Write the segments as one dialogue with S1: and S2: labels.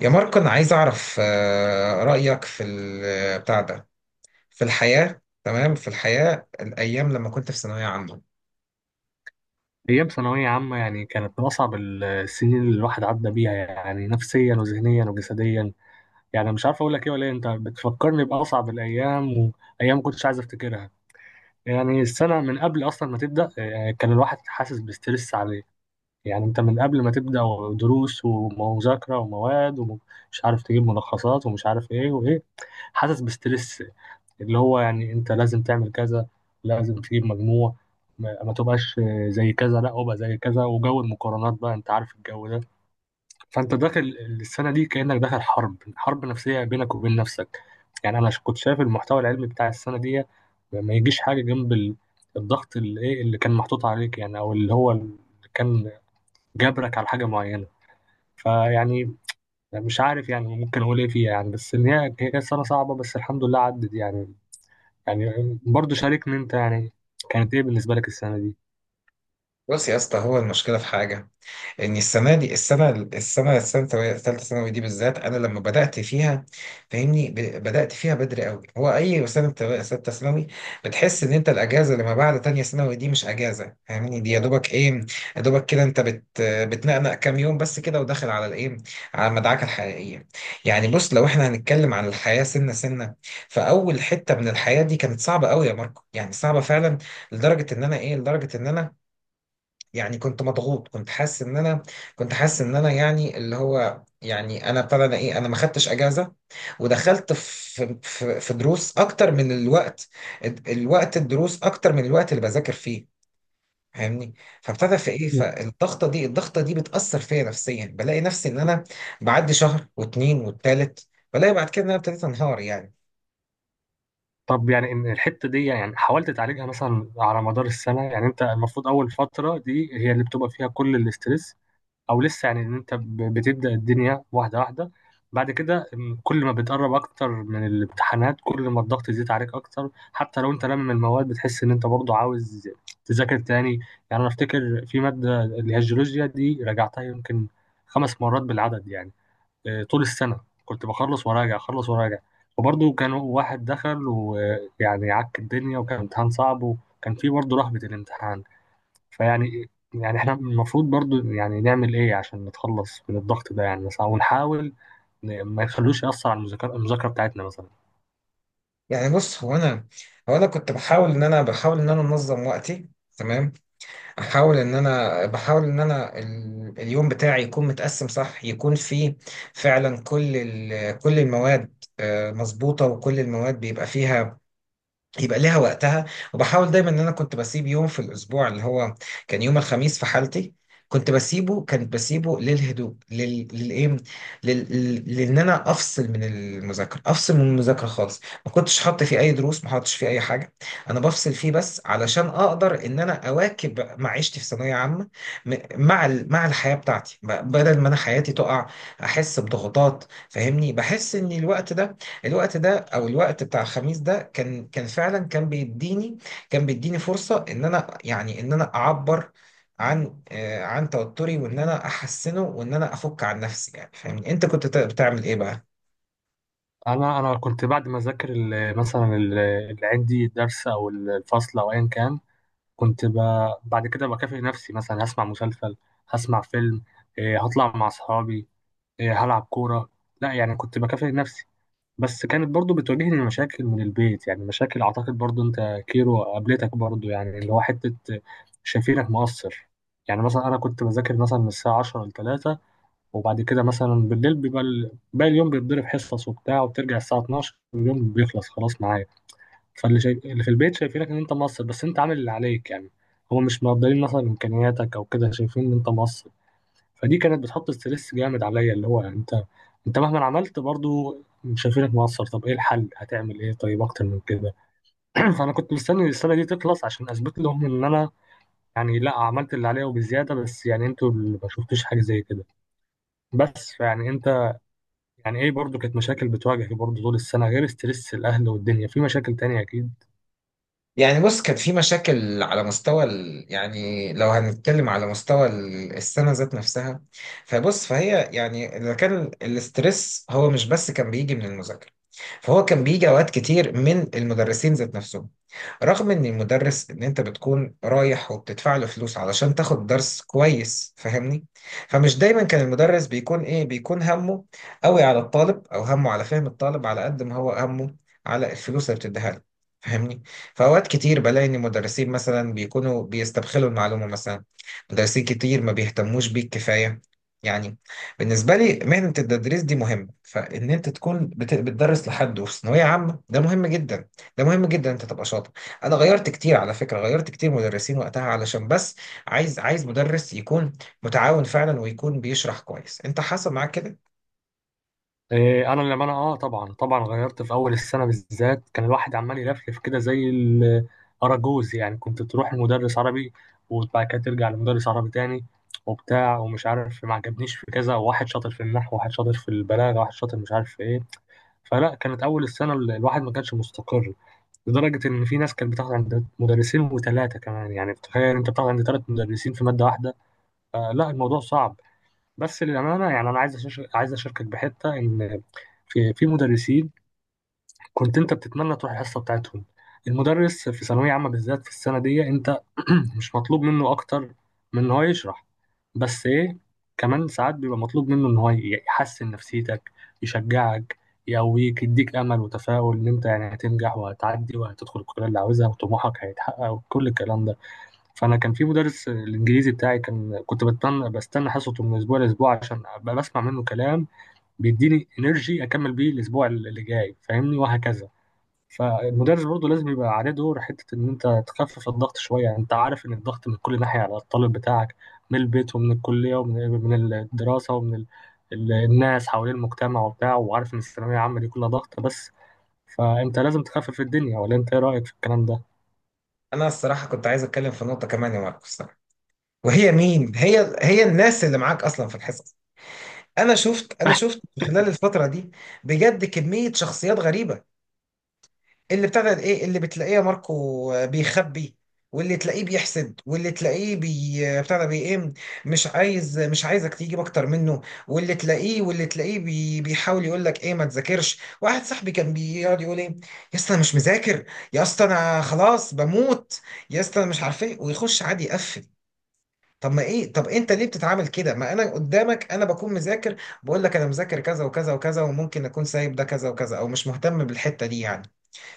S1: يا ماركو، أنا عايز أعرف رأيك في بتاع ده في الحياة، تمام. في الحياة، الأيام لما كنت في ثانوية عامة.
S2: أيام ثانوية عامة يعني كانت من أصعب السنين اللي الواحد عدى بيها، يعني نفسيا وذهنيا وجسديا. يعني مش عارف أقول لك إيه ولا إيه، أنت بتفكرني بأصعب الأيام وأيام كنتش عايز أفتكرها. يعني السنة من قبل أصلا ما تبدأ، كان الواحد حاسس بستريس عليه. يعني أنت من قبل ما تبدأ دروس ومذاكرة ومواد ومش عارف تجيب ملخصات ومش عارف إيه وإيه، حاسس بستريس. اللي هو يعني انت لازم تعمل كذا، لازم تجيب مجموع، ما تبقاش زي كذا، لا ابقى زي كذا، وجو المقارنات بقى انت عارف الجو ده. فانت داخل السنه دي كانك داخل حرب، حرب نفسيه بينك وبين نفسك. يعني انا كنت شايف المحتوى العلمي بتاع السنه دي ما يجيش حاجه جنب الضغط اللي ايه اللي كان محطوط عليك، يعني او اللي هو اللي كان جبرك على حاجه معينه. فيعني مش عارف يعني ممكن اقول ايه فيها، يعني بس ان هي كانت سنه صعبه، بس الحمد لله عدت يعني. يعني برضه شاركني انت، يعني كانت ايه بالنسبه لك السنه دي؟
S1: بص يا اسطى، هو المشكلة في حاجة، ان السنه ثالثه ثانوي دي بالذات، انا لما بدات فيها فاهمني، بدات فيها بدري قوي. هو اي سنه ثالثه ثانوي بتحس ان انت الاجازه اللي ما بعد تانية ثانوي دي مش اجازه، فاهمني. دي يا دوبك كده، انت بتنقنق كام يوم بس كده، وداخل على الايه على المدعكه الحقيقيه. يعني بص، لو احنا هنتكلم عن الحياه سنه سنه، فاول حته من الحياه دي كانت صعبه قوي يا ماركو، يعني صعبه فعلا. لدرجه ان انا يعني كنت مضغوط، كنت حاسس ان انا يعني اللي هو يعني انا ابتدى انا ايه انا ما خدتش اجازه. ودخلت في دروس اكتر من الوقت، الدروس اكتر من الوقت اللي بذاكر فيه، فاهمني. فابتدى في ايه، فالضغطه دي بتاثر فيا نفسيا، بلاقي نفسي ان انا بعدي شهر واتنين والتالت بلاقي بعد كده ان انا ابتديت انهار يعني.
S2: طب يعني ان الحته دي يعني حاولت تعالجها مثلا على مدار السنه؟ يعني انت المفروض اول فتره دي هي اللي بتبقى فيها كل الاسترس، او لسه يعني ان انت بتبدا الدنيا واحده واحده. بعد كده كل ما بتقرب اكتر من الامتحانات كل ما الضغط يزيد عليك اكتر، حتى لو انت لم المواد بتحس ان انت برضه عاوز تذاكر تاني. يعني انا افتكر في ماده اللي هي الجيولوجيا دي راجعتها يمكن خمس مرات بالعدد، يعني طول السنة كنت بخلص وراجع، أخلص وراجع، وبرضه كان واحد دخل ويعني عك الدنيا وكان امتحان صعب وكان فيه برضه رهبة الامتحان. فيعني يعني احنا المفروض برضه يعني نعمل ايه عشان نتخلص من الضغط ده يعني؟ مثلا ونحاول ما يخلوش يأثر على المذاكرة بتاعتنا مثلا.
S1: يعني بص، هو انا كنت بحاول ان انا انظم وقتي. تمام. احاول ان انا بحاول ان انا ال- اليوم بتاعي يكون متقسم صح، يكون فيه فعلا كل المواد مظبوطة، وكل المواد بيبقى فيها يبقى ليها وقتها. وبحاول دايما ان انا كنت بسيب يوم في الاسبوع، اللي هو كان يوم الخميس في حالتي، كنت بسيبه للهدوء، لل... للايه لل... لل- لان انا افصل من المذاكره خالص. ما كنتش حاطط فيه اي دروس، ما حاطش فيه اي حاجه، انا بفصل فيه بس علشان اقدر ان انا اواكب معيشتي في ثانويه عامه مع الحياه بتاعتي، بدل ما انا حياتي تقع، احس بضغوطات، فاهمني. بحس ان الوقت بتاع الخميس ده، كان كان فعلا كان بيديني كان بيديني فرصة ان انا اعبر عن توتري، وان انا احسنه وان انا افك عن نفسي يعني، فاهمني. انت كنت بتعمل ايه بقى؟
S2: أنا كنت بعد ما أذاكر اللي عندي درس أو الفصل أو أيا كان، كنت ب... بعد كده بكافئ نفسي، مثلا هسمع مسلسل، هسمع فيلم، هطلع مع أصحابي، هلعب كورة. لا يعني كنت بكافئ نفسي. بس كانت برضو بتواجهني مشاكل من البيت، يعني مشاكل أعتقد برضو أنت كيرو قابلتك برضو، يعني اللي هو حتة شايفينك مقصر. يعني مثلا أنا كنت بذاكر مثلا من الساعة 10 ل 3، وبعد كده مثلا بالليل بيبقى باقي اليوم بيتضرب حصص وبتاع وبترجع الساعة 12 واليوم بيخلص خلاص معايا. فاللي شايف اللي في البيت شايفينك إن أنت مقصر، بس أنت عامل اللي عليك يعني. هو مش مقدرين مثلا إمكانياتك أو كده، شايفين إن أنت مقصر. فدي كانت بتحط ستريس جامد عليا، اللي هو يعني انت مهما عملت برضو شايفينك مقصر. طب ايه الحل؟ هتعمل ايه طيب اكتر من كده؟ فانا كنت مستني السنه دي تخلص عشان اثبت لهم ان انا يعني لا، عملت اللي عليا وبزياده، بس يعني انتوا اللي ما شفتوش حاجه زي كده. بس فيعني انت يعني ايه، برضو كانت مشاكل بتواجهك برضو طول السنه غير ستريس الاهل والدنيا، في مشاكل تانية اكيد.
S1: يعني بص، كان في مشاكل على مستوى يعني لو هنتكلم على مستوى السنة ذات نفسها. فبص، فهي يعني إذا كان الاسترس هو مش بس كان بيجي من المذاكرة، فهو كان بيجي اوقات كتير من المدرسين ذات نفسهم. رغم ان انت بتكون رايح وبتدفع له فلوس علشان تاخد درس كويس، فاهمني. فمش دايما كان المدرس بيكون همه قوي على الطالب، او همه على فهم الطالب على قد ما هو همه على الفلوس اللي بتديها له، فاهمني. فاوقات كتير بلاقي ان المدرسين مثلا بيكونوا بيستبخلوا المعلومه مثلا، مدرسين كتير ما بيهتموش بيك كفايه يعني. بالنسبة لي مهنة التدريس دي مهمة، فإن أنت تكون بتدرس لحد وفي ثانوية عامة ده مهم جدا. ده مهم جدا أنت تبقى شاطر. أنا غيرت كتير على فكرة، غيرت كتير مدرسين وقتها علشان بس عايز مدرس يكون متعاون فعلا، ويكون بيشرح كويس. أنت حصل معاك كده؟
S2: انا لما انا اه طبعا، طبعا غيرت في اول السنه بالذات. كان الواحد عمال يلفلف كده زي الاراجوز، يعني كنت تروح لمدرس عربي وبعد كده ترجع لمدرس عربي تاني وبتاع ومش عارف، ما عجبنيش، في كذا واحد شاطر في النحو واحد شاطر في البلاغه واحد شاطر مش عارف في ايه. فلا، كانت اول السنه الواحد ما كانش مستقر، لدرجه ان في ناس كانت بتاخد عند مدرسين وثلاثه كمان. يعني تخيل انت بتاخد عند ثلاث مدرسين في ماده واحده. آه لا، الموضوع صعب. بس للامانه يعني انا عايز اشاركك بحته ان في مدرسين كنت انت بتتمنى تروح الحصه بتاعتهم. المدرس في ثانويه عامه بالذات في السنه دي، انت مش مطلوب منه اكتر من ان هو يشرح، بس ايه، كمان ساعات بيبقى مطلوب منه ان هو يحسن نفسيتك، يشجعك، يقويك، يديك امل وتفاؤل ان انت يعني هتنجح وهتعدي وهتدخل الكليه اللي عاوزها وطموحك هيتحقق وكل الكلام ده. فانا كان في مدرس الانجليزي بتاعي كان كنت بتمنى بستنى حصته من اسبوع لاسبوع عشان ابقى بسمع منه كلام بيديني انرجي اكمل بيه الاسبوع اللي جاي، فاهمني، وهكذا. فالمدرس برضه لازم يبقى عليه دور حته ان انت تخفف الضغط شويه. انت عارف ان الضغط من كل ناحيه على الطالب بتاعك، من البيت ومن الكليه ومن الدراسه ومن الناس حوالين المجتمع وبتاع، وعارف ان الثانويه العامه دي كلها ضغط بس. فانت لازم تخفف الدنيا، ولا انت ايه رايك في الكلام
S1: أنا الصراحة كنت عايز أتكلم في نقطة كمان يا ماركو الصراحة، وهي مين، هي الناس اللي معاك أصلا في الحصص. أنا
S2: ده؟
S1: شفت خلال الفترة دي بجد كمية شخصيات غريبة. اللي ابتدى ايه اللي بتلاقيه يا ماركو بيخبي، واللي تلاقيه بيحسد، واللي تلاقيه بي بتاع ده بي ايه مش عايز مش عايزك تجيب اكتر منه، واللي تلاقيه واللي تلاقيه بي بيحاول يقول لك ايه ما تذاكرش. واحد صاحبي كان بيقعد يقول ايه، يا اسطى انا مش مذاكر، يا اسطى انا خلاص بموت، يا اسطى انا مش عارف ايه، ويخش عادي يقفل. طب ما ايه طب انت ليه بتتعامل كده؟ ما انا قدامك انا بكون مذاكر، بقول لك انا مذاكر كذا وكذا وكذا، وممكن اكون سايب ده كذا وكذا او مش مهتم بالحتة دي يعني،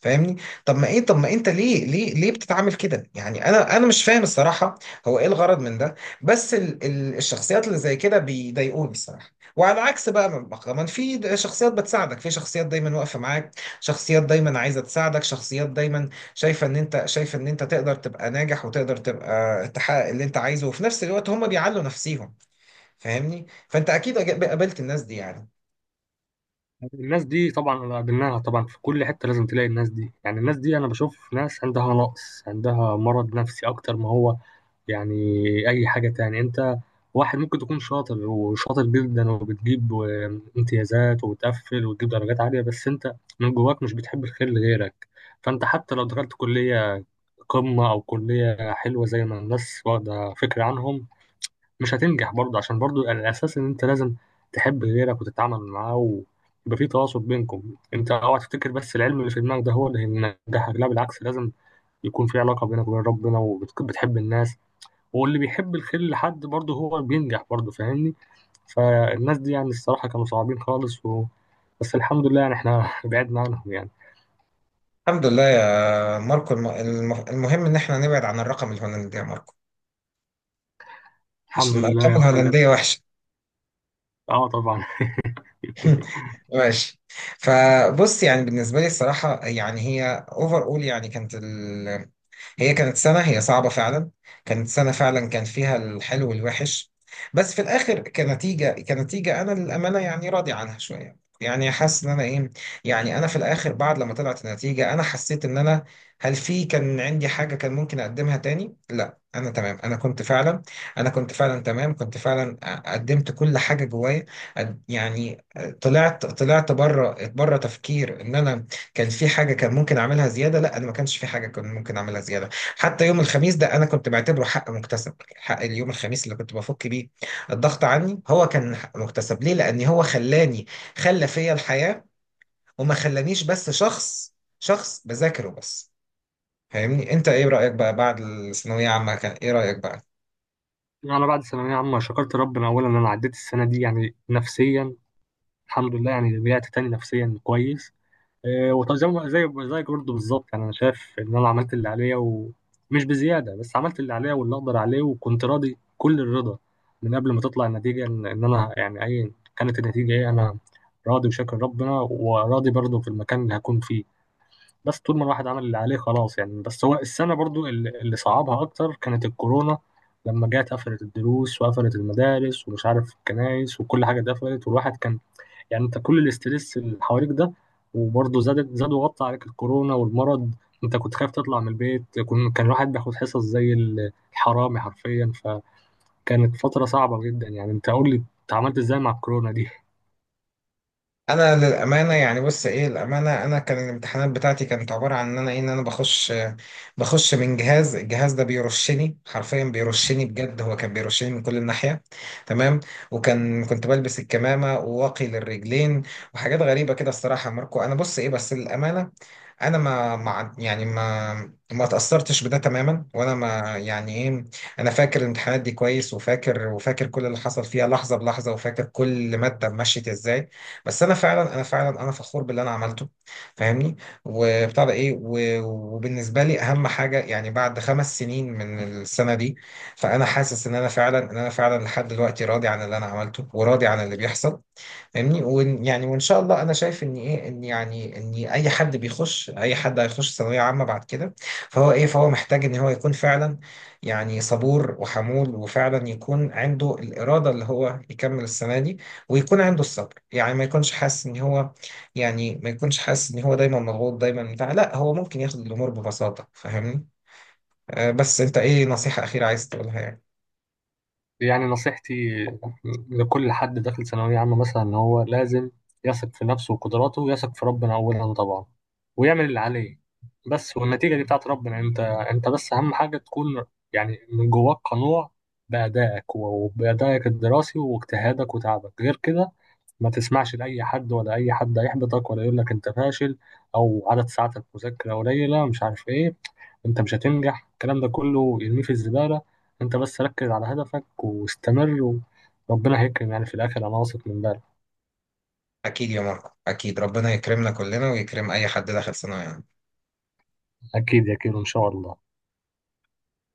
S1: فاهمني. طب ما انت ليه بتتعامل كده؟ يعني انا مش فاهم الصراحه، هو ايه الغرض من ده؟ بس ال ال الشخصيات اللي زي كده بيضايقوني الصراحه. وعلى عكس بقى، كمان في شخصيات بتساعدك، في شخصيات دايما واقفه معاك، شخصيات دايما عايزه تساعدك، شخصيات دايما شايفه ان انت تقدر تبقى ناجح وتقدر تبقى تحقق اللي انت عايزه، وفي نفس الوقت هم بيعلوا نفسيهم، فاهمني. فانت اكيد قابلت الناس دي يعني.
S2: الناس دي طبعا قابلناها، طبعا في كل حتة لازم تلاقي الناس دي. يعني الناس دي أنا بشوف ناس عندها نقص، عندها مرض نفسي أكتر ما هو يعني أي حاجة تاني. أنت واحد ممكن تكون شاطر وشاطر جدا وبتجيب امتيازات وبتقفل وتجيب درجات عالية، بس أنت من جواك مش بتحب الخير لغيرك. فأنت حتى لو دخلت كلية قمة أو كلية حلوة زي ما الناس واخدة فكرة عنهم، مش هتنجح برضه، عشان برضه الاساس ان انت لازم تحب غيرك وتتعامل معاه ويبقى في تواصل بينكم. انت اوعى تفتكر بس العلم اللي في دماغك ده هو اللي هينجحك، لا بالعكس، لازم يكون في علاقه بينك وبين ربنا وبتحب الناس، واللي بيحب الخير لحد برضه هو بينجح برضه، فاهمني. فالناس دي يعني الصراحه كانوا صعبين خالص و... بس الحمد لله يعني احنا بعدنا عنهم يعني.
S1: الحمد لله يا ماركو، المهم ان احنا نبعد عن الرقم الهولندي يا ماركو،
S2: الحمد
S1: عشان
S2: لله
S1: الارقام
S2: يا اخويا.
S1: الهولنديه وحشه.
S2: اه طبعا.
S1: ماشي. فبص يعني بالنسبه لي الصراحه، يعني هي اوفر اول يعني كانت سنة، هي صعبة فعلا، كانت سنة فعلا، كان فيها الحلو والوحش. بس في الآخر، كنتيجة أنا للأمانة يعني راضي عنها شوية، يعني حاسس إن أنا إيه. يعني أنا في الآخر بعد لما طلعت النتيجة، أنا حسيت إن أنا هل في كان عندي حاجة كان ممكن أقدمها تاني؟ لا أنا تمام. أنا كنت فعلا قدمت كل حاجة جوايا. يعني طلعت، بره بره تفكير إن أنا كان في حاجة كان ممكن أعملها زيادة، لا أنا ما كانش في حاجة كان ممكن أعملها زيادة. حتى يوم الخميس ده انا كنت بعتبره حق مكتسب، حق اليوم الخميس اللي كنت بفك بيه الضغط عني، هو كان حق مكتسب ليه. لان هو خلى فيا الحياة، وما خلانيش بس شخص، بذاكره بس، فاهمني. انت ايه رأيك بقى بعد الثانوية عامة؟ كان ايه رأيك بقى؟
S2: انا بعد ثانويه عامه شكرت ربنا اولا ان انا عديت السنه دي يعني نفسيا. الحمد لله يعني رجعت تاني نفسيا كويس. وطبعا زي زي زيك برضه بالظبط، يعني انا شايف ان انا عملت اللي عليا ومش بزياده، بس عملت اللي عليا واللي اقدر عليه وكنت راضي كل الرضا من قبل ما تطلع النتيجه، إن انا يعني اي كانت النتيجه ايه، انا راضي وشاكر ربنا وراضي برضه في المكان اللي هكون فيه. بس طول ما الواحد عمل اللي عليه خلاص يعني. بس هو السنه برضه اللي صعبها اكتر كانت الكورونا، لما جت قفلت الدروس وقفلت المدارس ومش عارف الكنائس وكل حاجه اتقفلت والواحد كان، يعني انت كل الاسترس اللي حواليك ده وبرضه زاد زاد وغطى عليك الكورونا والمرض. انت كنت خايف تطلع من البيت، كان الواحد بياخد حصص زي الحرامي حرفيا. فكانت فترة صعبة جدا. يعني انت قول لي انت عملت ازاي مع الكورونا دي؟
S1: انا للامانه، يعني بص ايه الامانه، انا كان الامتحانات بتاعتي كانت عباره عن ان انا بخش، من الجهاز ده بيرشني حرفيا، بيرشني بجد، هو كان بيرشني من كل الناحيه. تمام. كنت بلبس الكمامه وواقي للرجلين وحاجات غريبه كده الصراحه يا ماركو. انا بص ايه بس للامانه، انا ما ما يعني ما ما تاثرتش بده تماما، وانا ما يعني ايه انا فاكر الامتحانات دي كويس، وفاكر كل اللي حصل فيها لحظه بلحظه، وفاكر كل ماده مشيت ازاي. بس انا فخور باللي انا عملته، فاهمني. وبتاع ده ايه و- وبالنسبه لي اهم حاجه يعني بعد 5 سنين من السنه دي، فانا حاسس ان انا فعلا لحد دلوقتي راضي عن اللي انا عملته، وراضي عن اللي بيحصل، فاهمني. يعني وان شاء الله انا شايف ان ايه ان يعني ان اي حد هيخش ثانويه عامه بعد كده، فهو محتاج ان هو يكون فعلا يعني صبور وحمول، وفعلا يكون عنده الاراده اللي هو يكمل السنه دي، ويكون عنده الصبر. يعني ما يكونش حاسس ان هو يعني ما يكونش حاسس ان هو دايما مضغوط، دايما لا، هو ممكن ياخد الامور ببساطه، فاهمني. بس انت ايه نصيحه اخيره عايز تقولها يعني؟
S2: يعني نصيحتي لكل حد داخل ثانوية عامة مثلا إن هو لازم يثق في نفسه وقدراته ويثق في ربنا أولا طبعا، ويعمل اللي عليه بس، والنتيجة دي بتاعت ربنا. أنت أنت بس أهم حاجة تكون يعني من جواك قنوع بأدائك وبأدائك الدراسي واجتهادك وتعبك، غير كده ما تسمعش لأي حد، ولا أي حد هيحبطك ولا يقول لك أنت فاشل أو عدد ساعاتك مذاكرة قليلة مش عارف إيه، انت مش هتنجح، الكلام ده كله ارميه في الزبالة. انت بس ركز على هدفك واستمر، وربنا هيكرم يعني في الاخر، انا واثق من ده.
S1: اكيد يا ماركو، اكيد ربنا يكرمنا كلنا ويكرم اي حد داخل ثانويه عامة.
S2: اكيد يا كيرو ان شاء الله.